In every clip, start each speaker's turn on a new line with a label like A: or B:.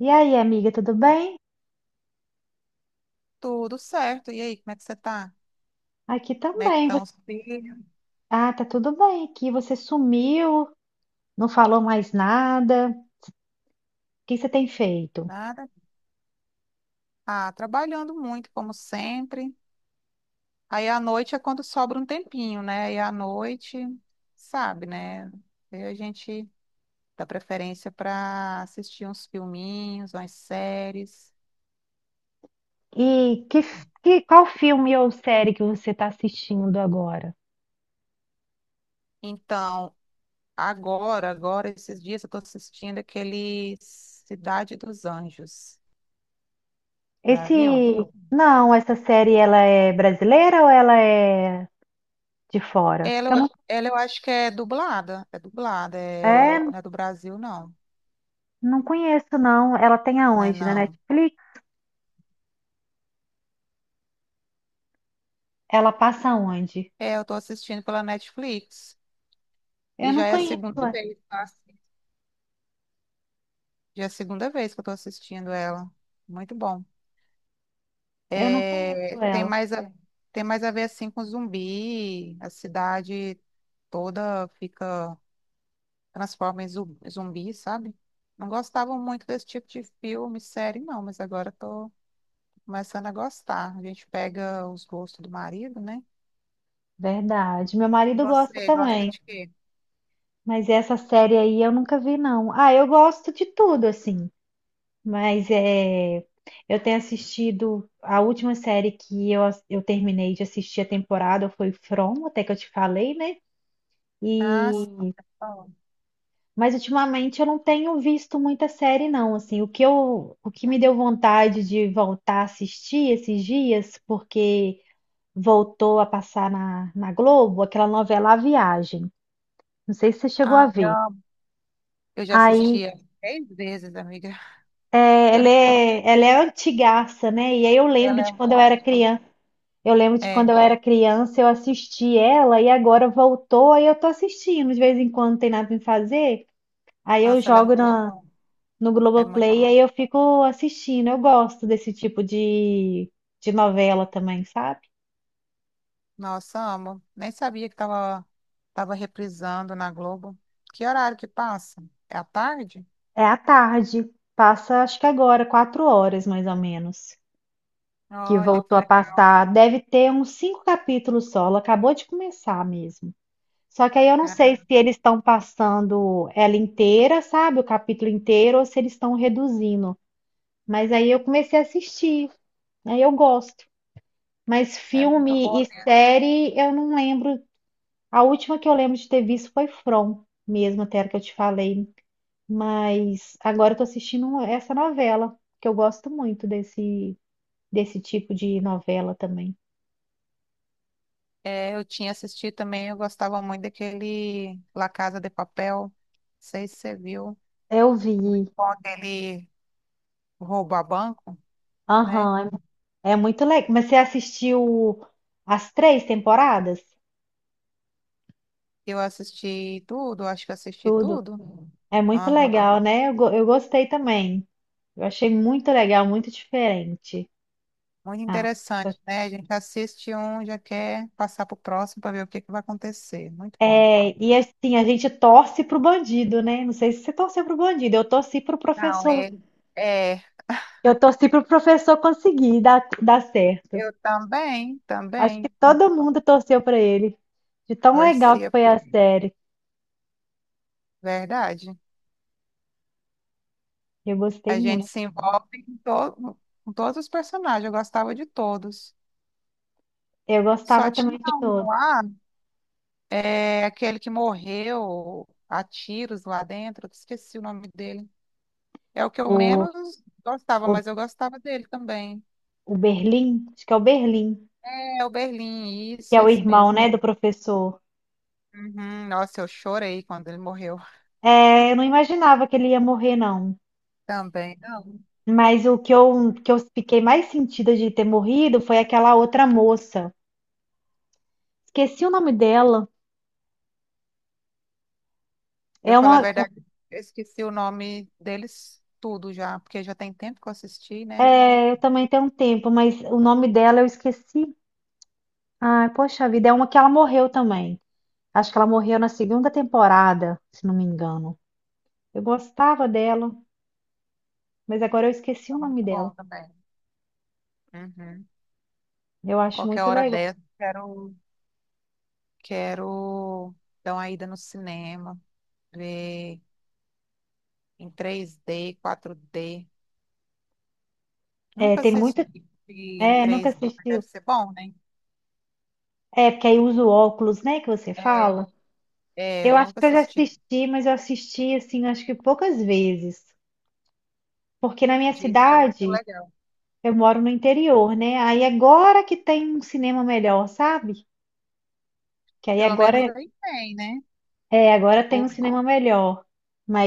A: E aí, amiga, tudo bem?
B: Tudo certo. E aí, como é que você tá?
A: Aqui
B: Como é que
A: também.
B: estão os filhos?
A: Ah, tá tudo bem aqui. Você sumiu, não falou mais nada. O que você tem feito?
B: Nada? Ah, trabalhando muito, como sempre. Aí à noite é quando sobra um tempinho, né? E à noite, sabe, né? Aí a gente dá preferência para assistir uns filminhos, umas séries.
A: E qual filme ou série que você está assistindo agora?
B: Então, agora, agora, esses dias eu tô assistindo aquele Cidade dos Anjos. Já
A: Esse,
B: viu?
A: não, essa série ela é brasileira ou ela é de fora?
B: Ela,
A: Que eu
B: eu-
A: não,
B: ela eu acho que é dublada. É dublada,
A: é,
B: não é do Brasil, não,
A: não conheço não. Ela tem
B: né?
A: aonde? Na
B: Não.
A: Netflix? Ela passa aonde?
B: É, eu tô assistindo pela Netflix.
A: Eu
B: E
A: não
B: já é a
A: conheço
B: segunda
A: ela.
B: vez, tá? Já é a segunda vez que eu tô assistindo ela. Muito bom.
A: Eu não conheço
B: É,
A: ela.
B: tem mais a ver assim com zumbi. A cidade toda fica transforma em zumbi, sabe? Não gostava muito desse tipo de filme, série, não, mas agora tô começando a gostar. A gente pega os gostos do marido, né?
A: Verdade. Meu
B: E
A: marido gosta
B: você, gosta
A: também.
B: de quê?
A: Mas essa série aí eu nunca vi, não. Ah, eu gosto de tudo, assim. Mas é, eu tenho assistido. A última série que eu terminei de assistir a temporada foi From, até que eu te falei, né?
B: Ah, sim.
A: E, mas ultimamente eu não tenho visto muita série, não. Assim, o que me deu vontade de voltar a assistir esses dias, porque voltou a passar na Globo, aquela novela A Viagem. Não sei se você chegou a
B: Ah,
A: ver.
B: eu já assisti
A: Aí.
B: ela três vezes, amiga.
A: É,
B: Eu,
A: ela
B: nem-
A: é, ela é antigaça, né? E aí eu lembro
B: ela é
A: de
B: muito
A: quando eu era
B: antiga.
A: criança. Eu lembro de quando
B: É,
A: eu era criança, eu assisti ela e agora voltou, aí eu tô assistindo de vez em quando, não tem nada pra fazer. Aí eu
B: nossa, ela é
A: jogo
B: muito bom.
A: no
B: É muito...
A: Globoplay e aí eu fico assistindo. Eu gosto desse tipo de novela também, sabe?
B: Nossa, amo. Nem sabia que tava reprisando na Globo. Que horário que passa? É à tarde?
A: É à tarde. Passa, acho que agora, 4 horas mais ou menos, que
B: Olha, que
A: voltou a
B: legal,
A: passar. Deve ter uns 5 capítulos só. Ela acabou de começar mesmo. Só que aí eu não sei
B: cara.
A: se eles estão passando ela inteira, sabe? O capítulo inteiro, ou se eles estão reduzindo. Mas aí eu comecei a assistir, aí eu gosto. Mas
B: É muito
A: filme
B: boa
A: e
B: mesmo.
A: série eu não lembro. A última que eu lembro de ter visto foi From, mesmo até a que eu te falei. Mas agora eu tô assistindo essa novela, que eu gosto muito desse tipo de novela também.
B: É, eu tinha assistido também, eu gostava muito daquele La Casa de Papel. Não sei se você viu.
A: Eu vi.
B: Quando ele rouba banco, né?
A: Aham, é muito legal. Mas você assistiu as 3 temporadas?
B: Eu assisti tudo, acho que assisti
A: Tudo.
B: tudo.
A: É muito
B: Aham.
A: legal, né? Eu gostei também. Eu achei muito legal, muito diferente.
B: Muito
A: Ah,
B: interessante, né? A gente assiste um, já quer passar para o próximo para ver o que que vai acontecer. Muito bom.
A: é, e assim, a gente torce pro bandido, né? Não sei se você torceu pro bandido, eu torci pro
B: Não,
A: professor.
B: é,
A: Eu torci pro professor conseguir dar certo.
B: eu também,
A: Acho que todo mundo torceu pra ele. De tão legal que
B: torcia,
A: foi a série.
B: verdade.
A: Eu gostei
B: A gente
A: muito.
B: se envolve com todos os personagens, eu gostava de todos.
A: Eu
B: Só
A: gostava também
B: tinha
A: de
B: um
A: todo.
B: lá, é, aquele que morreu a tiros lá dentro, eu esqueci o nome dele. É o que eu
A: O,
B: menos gostava,
A: o,
B: mas eu gostava dele também.
A: o Berlim, acho que é o Berlim,
B: É o Berlim,
A: que é
B: isso,
A: o
B: esse
A: irmão,
B: mesmo.
A: né, do professor.
B: Uhum. Nossa, eu chorei quando ele morreu
A: É, eu não imaginava que ele ia morrer, não.
B: também. Não.
A: Mas o que eu fiquei mais sentida de ter morrido foi aquela outra moça. Esqueci o nome dela.
B: Eu
A: É
B: falo a
A: uma,
B: verdade, eu esqueci o nome deles tudo já, porque já tem tempo que eu assisti, né?
A: É, eu também tenho um tempo, mas o nome dela eu esqueci. Ai, poxa vida, é uma que ela morreu também. Acho que ela morreu na segunda temporada, se não me engano. Eu gostava dela, mas agora eu esqueci
B: É
A: o nome
B: muito bom
A: dela.
B: também. Uhum.
A: Eu acho
B: Qualquer
A: muito
B: hora
A: legal.
B: dessa, quero dar uma ida no cinema, ver em 3D, 4D.
A: É,
B: Nunca
A: tem muito.
B: assisti em
A: É, nunca
B: 3D, mas
A: assistiu.
B: deve ser bom, né?
A: É, porque aí usa o óculos, né, que você
B: É,
A: fala.
B: é,
A: Eu
B: eu
A: acho
B: nunca
A: que eu já
B: assisti.
A: assisti, mas eu assisti assim, acho que poucas vezes. Porque na minha
B: Diz que é muito
A: cidade,
B: legal.
A: eu moro no interior, né? Aí agora que tem um cinema melhor, sabe? Que aí
B: Pelo menos aí tem, né?
A: agora tem
B: O,
A: um cinema melhor.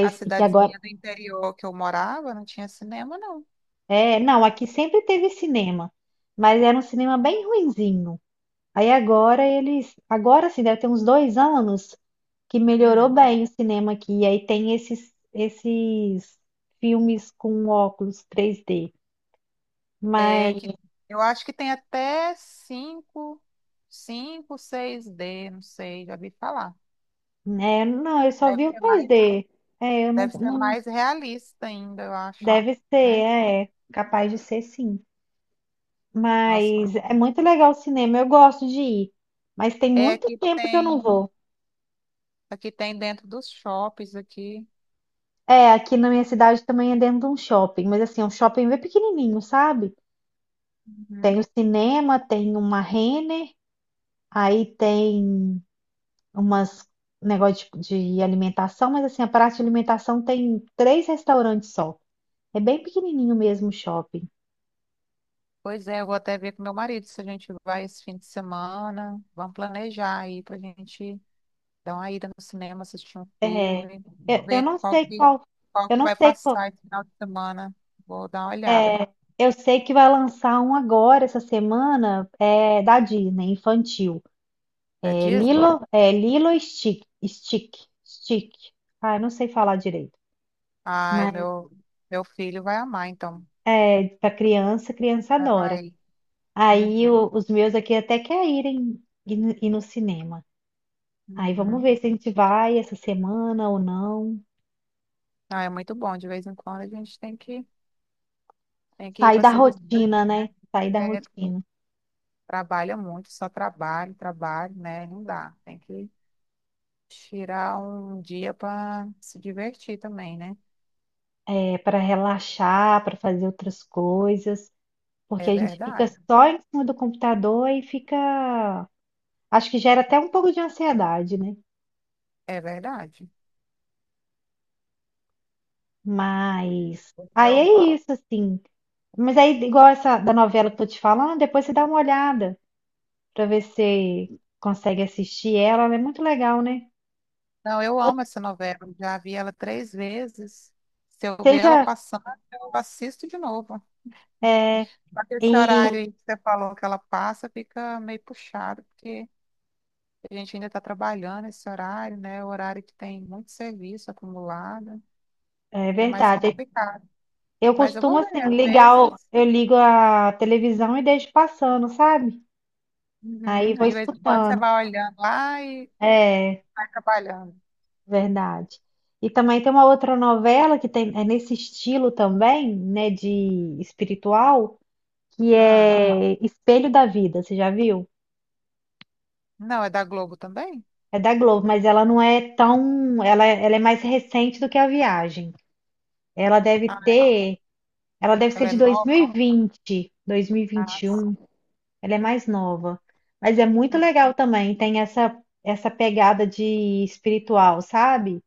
B: a
A: que agora
B: cidadezinha do interior que eu morava não tinha cinema, não.
A: é, não, aqui sempre teve cinema, mas era um cinema bem ruinzinho. Aí agora sim, deve ter uns 2 anos que melhorou
B: Hum.
A: bem o cinema aqui. E aí tem esses filmes com óculos 3D.
B: É
A: Mas
B: que eu acho que tem até cinco, seis d não sei, já vi falar.
A: né não, eu só
B: Deve
A: vi o
B: ser mais,
A: 3D. É, eu não,
B: deve ser
A: não
B: mais realista ainda, eu acho,
A: deve ser,
B: né?
A: é, capaz de ser sim.
B: Nossa,
A: Mas é muito legal o cinema, eu gosto de ir. Mas tem
B: é
A: muito
B: que
A: tempo que eu não
B: tem,
A: vou.
B: aqui tem dentro dos shoppings aqui.
A: É, aqui na minha cidade também é dentro de um shopping, mas assim, é um shopping bem pequenininho, sabe?
B: Uhum.
A: Tem o cinema, tem uma Renner, aí tem umas negócio de, tipo, de alimentação, mas assim, a praça de alimentação tem 3 restaurantes só. É bem pequenininho mesmo o shopping.
B: Pois é, eu vou até ver com meu marido se a gente vai esse fim de semana. Vamos planejar aí pra gente dá uma ida no cinema, assistir um
A: É,
B: filme,
A: eu
B: ver
A: não
B: qual
A: sei
B: que,
A: qual,
B: qual
A: eu
B: que
A: não
B: vai
A: sei qual,
B: passar esse final de semana. Vou dar uma olhada.
A: é, eu sei que vai lançar um agora essa semana, da Disney, infantil.
B: Da
A: É
B: Disney?
A: Lilo, é Lilo e Stick. Ah, eu não sei falar direito,
B: Ai,
A: mas
B: meu filho vai amar, então.
A: é para criança, criança
B: Vai,
A: adora.
B: vai.
A: Aí
B: Uhum,
A: os meus aqui até querem ir, ir no cinema. Aí vamos
B: uhum.
A: ver se a gente vai essa semana ou não.
B: Ah, é muito bom. De vez em quando a gente tem que ir
A: Sair
B: para
A: da
B: se
A: rotina,
B: distrair,
A: né?
B: né?
A: Sair da
B: É,
A: rotina.
B: trabalha muito, só trabalho, trabalho, né? Não dá. Tem que tirar um dia para se divertir também, né?
A: É para relaxar, para fazer outras coisas,
B: É
A: porque a gente fica
B: verdade.
A: só em cima do computador e fica. Acho que gera até um pouco de ansiedade, né?
B: É verdade.
A: Mas
B: O
A: aí
B: meu
A: é isso, assim. Mas aí, igual essa da novela que eu tô te falando, depois você dá uma olhada para ver se consegue assistir ela. Ela é muito legal, né?
B: Não, eu amo essa novela. Já vi ela três vezes. Se eu ver ela
A: Seja.
B: passando, eu assisto de novo.
A: É,
B: Esse
A: e
B: horário aí que você falou que ela passa fica meio puxado, porque a gente ainda está trabalhando esse horário, né? O horário que tem muito serviço acumulado.
A: é
B: É mais
A: verdade.
B: complicado.
A: Eu
B: Mas eu
A: costumo
B: vou ver,
A: assim
B: às
A: ligar,
B: vezes.
A: eu ligo a televisão e deixo passando, sabe?
B: Uhum,
A: Aí vou
B: de vez em quando você
A: escutando.
B: vai olhando lá e
A: É,
B: vai trabalhando.
A: verdade. E também tem uma outra novela que tem, é nesse estilo também, né, de espiritual, que
B: Ah,
A: é Espelho da Vida, você já viu?
B: não, é da Globo também?
A: É da Globo, mas ela não é tão, ela é mais recente do que a Viagem. Ela deve
B: Ah,
A: ter, ela deve ser
B: ela é
A: de
B: nova?
A: 2020,
B: Ah,
A: 2021, ela é mais nova. Mas é muito
B: hum,
A: legal também, tem essa pegada de espiritual, sabe?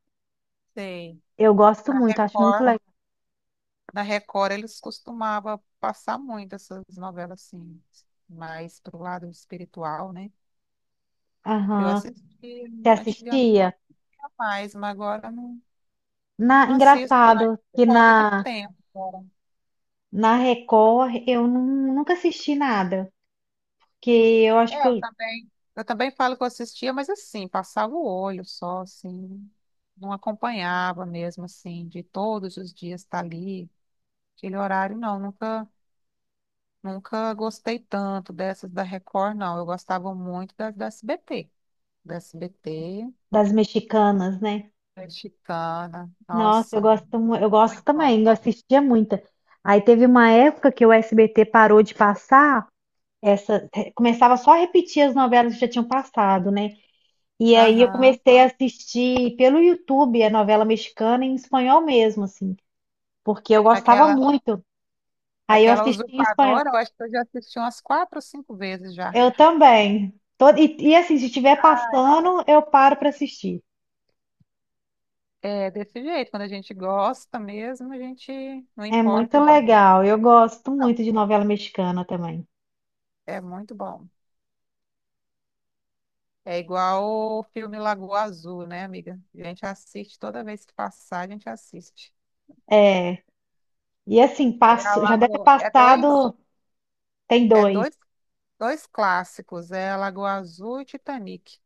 B: sei.
A: Eu gosto
B: Da
A: muito, acho muito
B: Record.
A: legal.
B: Na Record eles costumavam passar muito essas novelas assim, mais pro lado espiritual, né? Eu assisti
A: Você
B: antigamente
A: assistia?
B: mais, mas agora não, não assisto mais
A: Engraçado
B: por
A: que
B: falta de
A: na,
B: tempo agora.
A: na Record eu nunca assisti nada, porque eu acho que
B: É, eu
A: eu-
B: também. Eu também falo que eu assistia, mas assim, passava o olho só, assim, não acompanhava mesmo, assim, de todos os dias estar ali, aquele horário, não, nunca, nunca gostei tanto dessas da Record, não. Eu gostava muito das da SBT.
A: das mexicanas, né?
B: Mexicana.
A: Nossa, eu
B: Nossa,
A: gosto, mu- eu gosto
B: muito bom.
A: também, eu assistia muita. Aí teve uma época que o SBT parou de passar começava só a repetir as novelas que já tinham passado, né? E aí eu
B: Aham.
A: comecei a assistir pelo YouTube a novela mexicana em espanhol mesmo, assim, porque eu gostava
B: Aquela,
A: muito. Aí eu
B: aquela
A: assisti em espanhol.
B: usurpadora, eu acho que eu já assisti umas quatro ou cinco vezes já.
A: Eu também. E assim, se estiver
B: Ah.
A: passando, eu paro para assistir.
B: É desse jeito, quando a gente gosta mesmo, a gente não
A: É muito
B: importa de ninguém.
A: legal. Eu gosto
B: Não,
A: muito de novela mexicana também.
B: é muito bom. É igual o filme Lagoa Azul, né, amiga? A gente assiste toda vez que passar, a gente assiste.
A: É. E assim,
B: É a
A: já deve ter
B: Lagoa,
A: passado. Tem
B: é
A: dois,
B: dois, dois clássicos, é a Lagoa Azul e Titanic.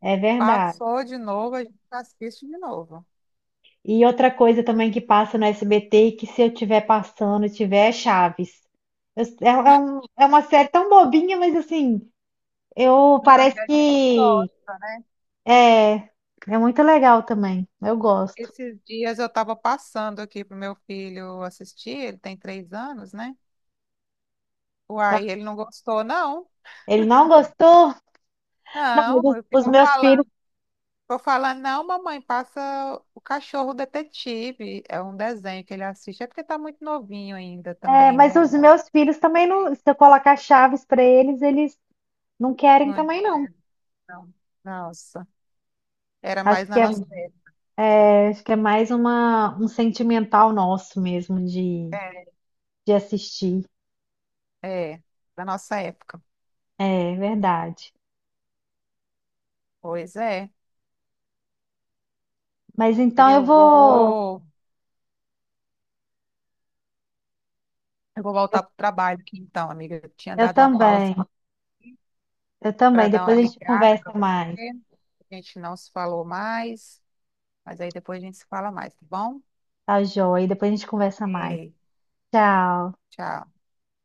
A: é verdade.
B: Passou de novo, a gente assiste de novo.
A: E outra coisa também que passa no SBT e que se eu estiver passando, tiver é Chaves. É uma série tão bobinha, mas assim, eu
B: Não,
A: parece
B: ainda tem
A: que
B: gosta, né?
A: é, é muito legal também. Eu gosto.
B: Esses dias eu estava passando aqui pro meu filho assistir, ele tem 3 anos, né?
A: Tá?
B: Uai, ele não gostou, não.
A: Ele não gostou? Não, mas
B: Não,
A: os,
B: eu
A: os
B: fico
A: meus filhos,
B: falando, ficou falando, não, mamãe, passa o cachorro detetive. É um desenho que ele assiste, é porque tá muito novinho ainda também,
A: mas
B: né?
A: os meus filhos também
B: É,
A: não, se eu colocar Chaves para eles, eles não querem também
B: muito,
A: não.
B: não. Nossa, era
A: Acho
B: mais na
A: que é,
B: nossa época.
A: é, acho que é mais um sentimental nosso mesmo de assistir.
B: É, é, da nossa época.
A: É verdade.
B: Pois é.
A: Mas então eu
B: Eu
A: vou,
B: vou, eu vou
A: eu,
B: voltar pro trabalho aqui então, amiga. Eu tinha
A: eu
B: dado uma pausa
A: também, eu
B: para
A: também.
B: dar uma
A: Depois a gente
B: ligada
A: conversa
B: para você.
A: mais,
B: A gente não se falou mais, mas aí depois a gente se fala mais, tá bom?
A: tá, joia? Depois a gente conversa mais.
B: Ei,
A: Tchau.
B: tchau.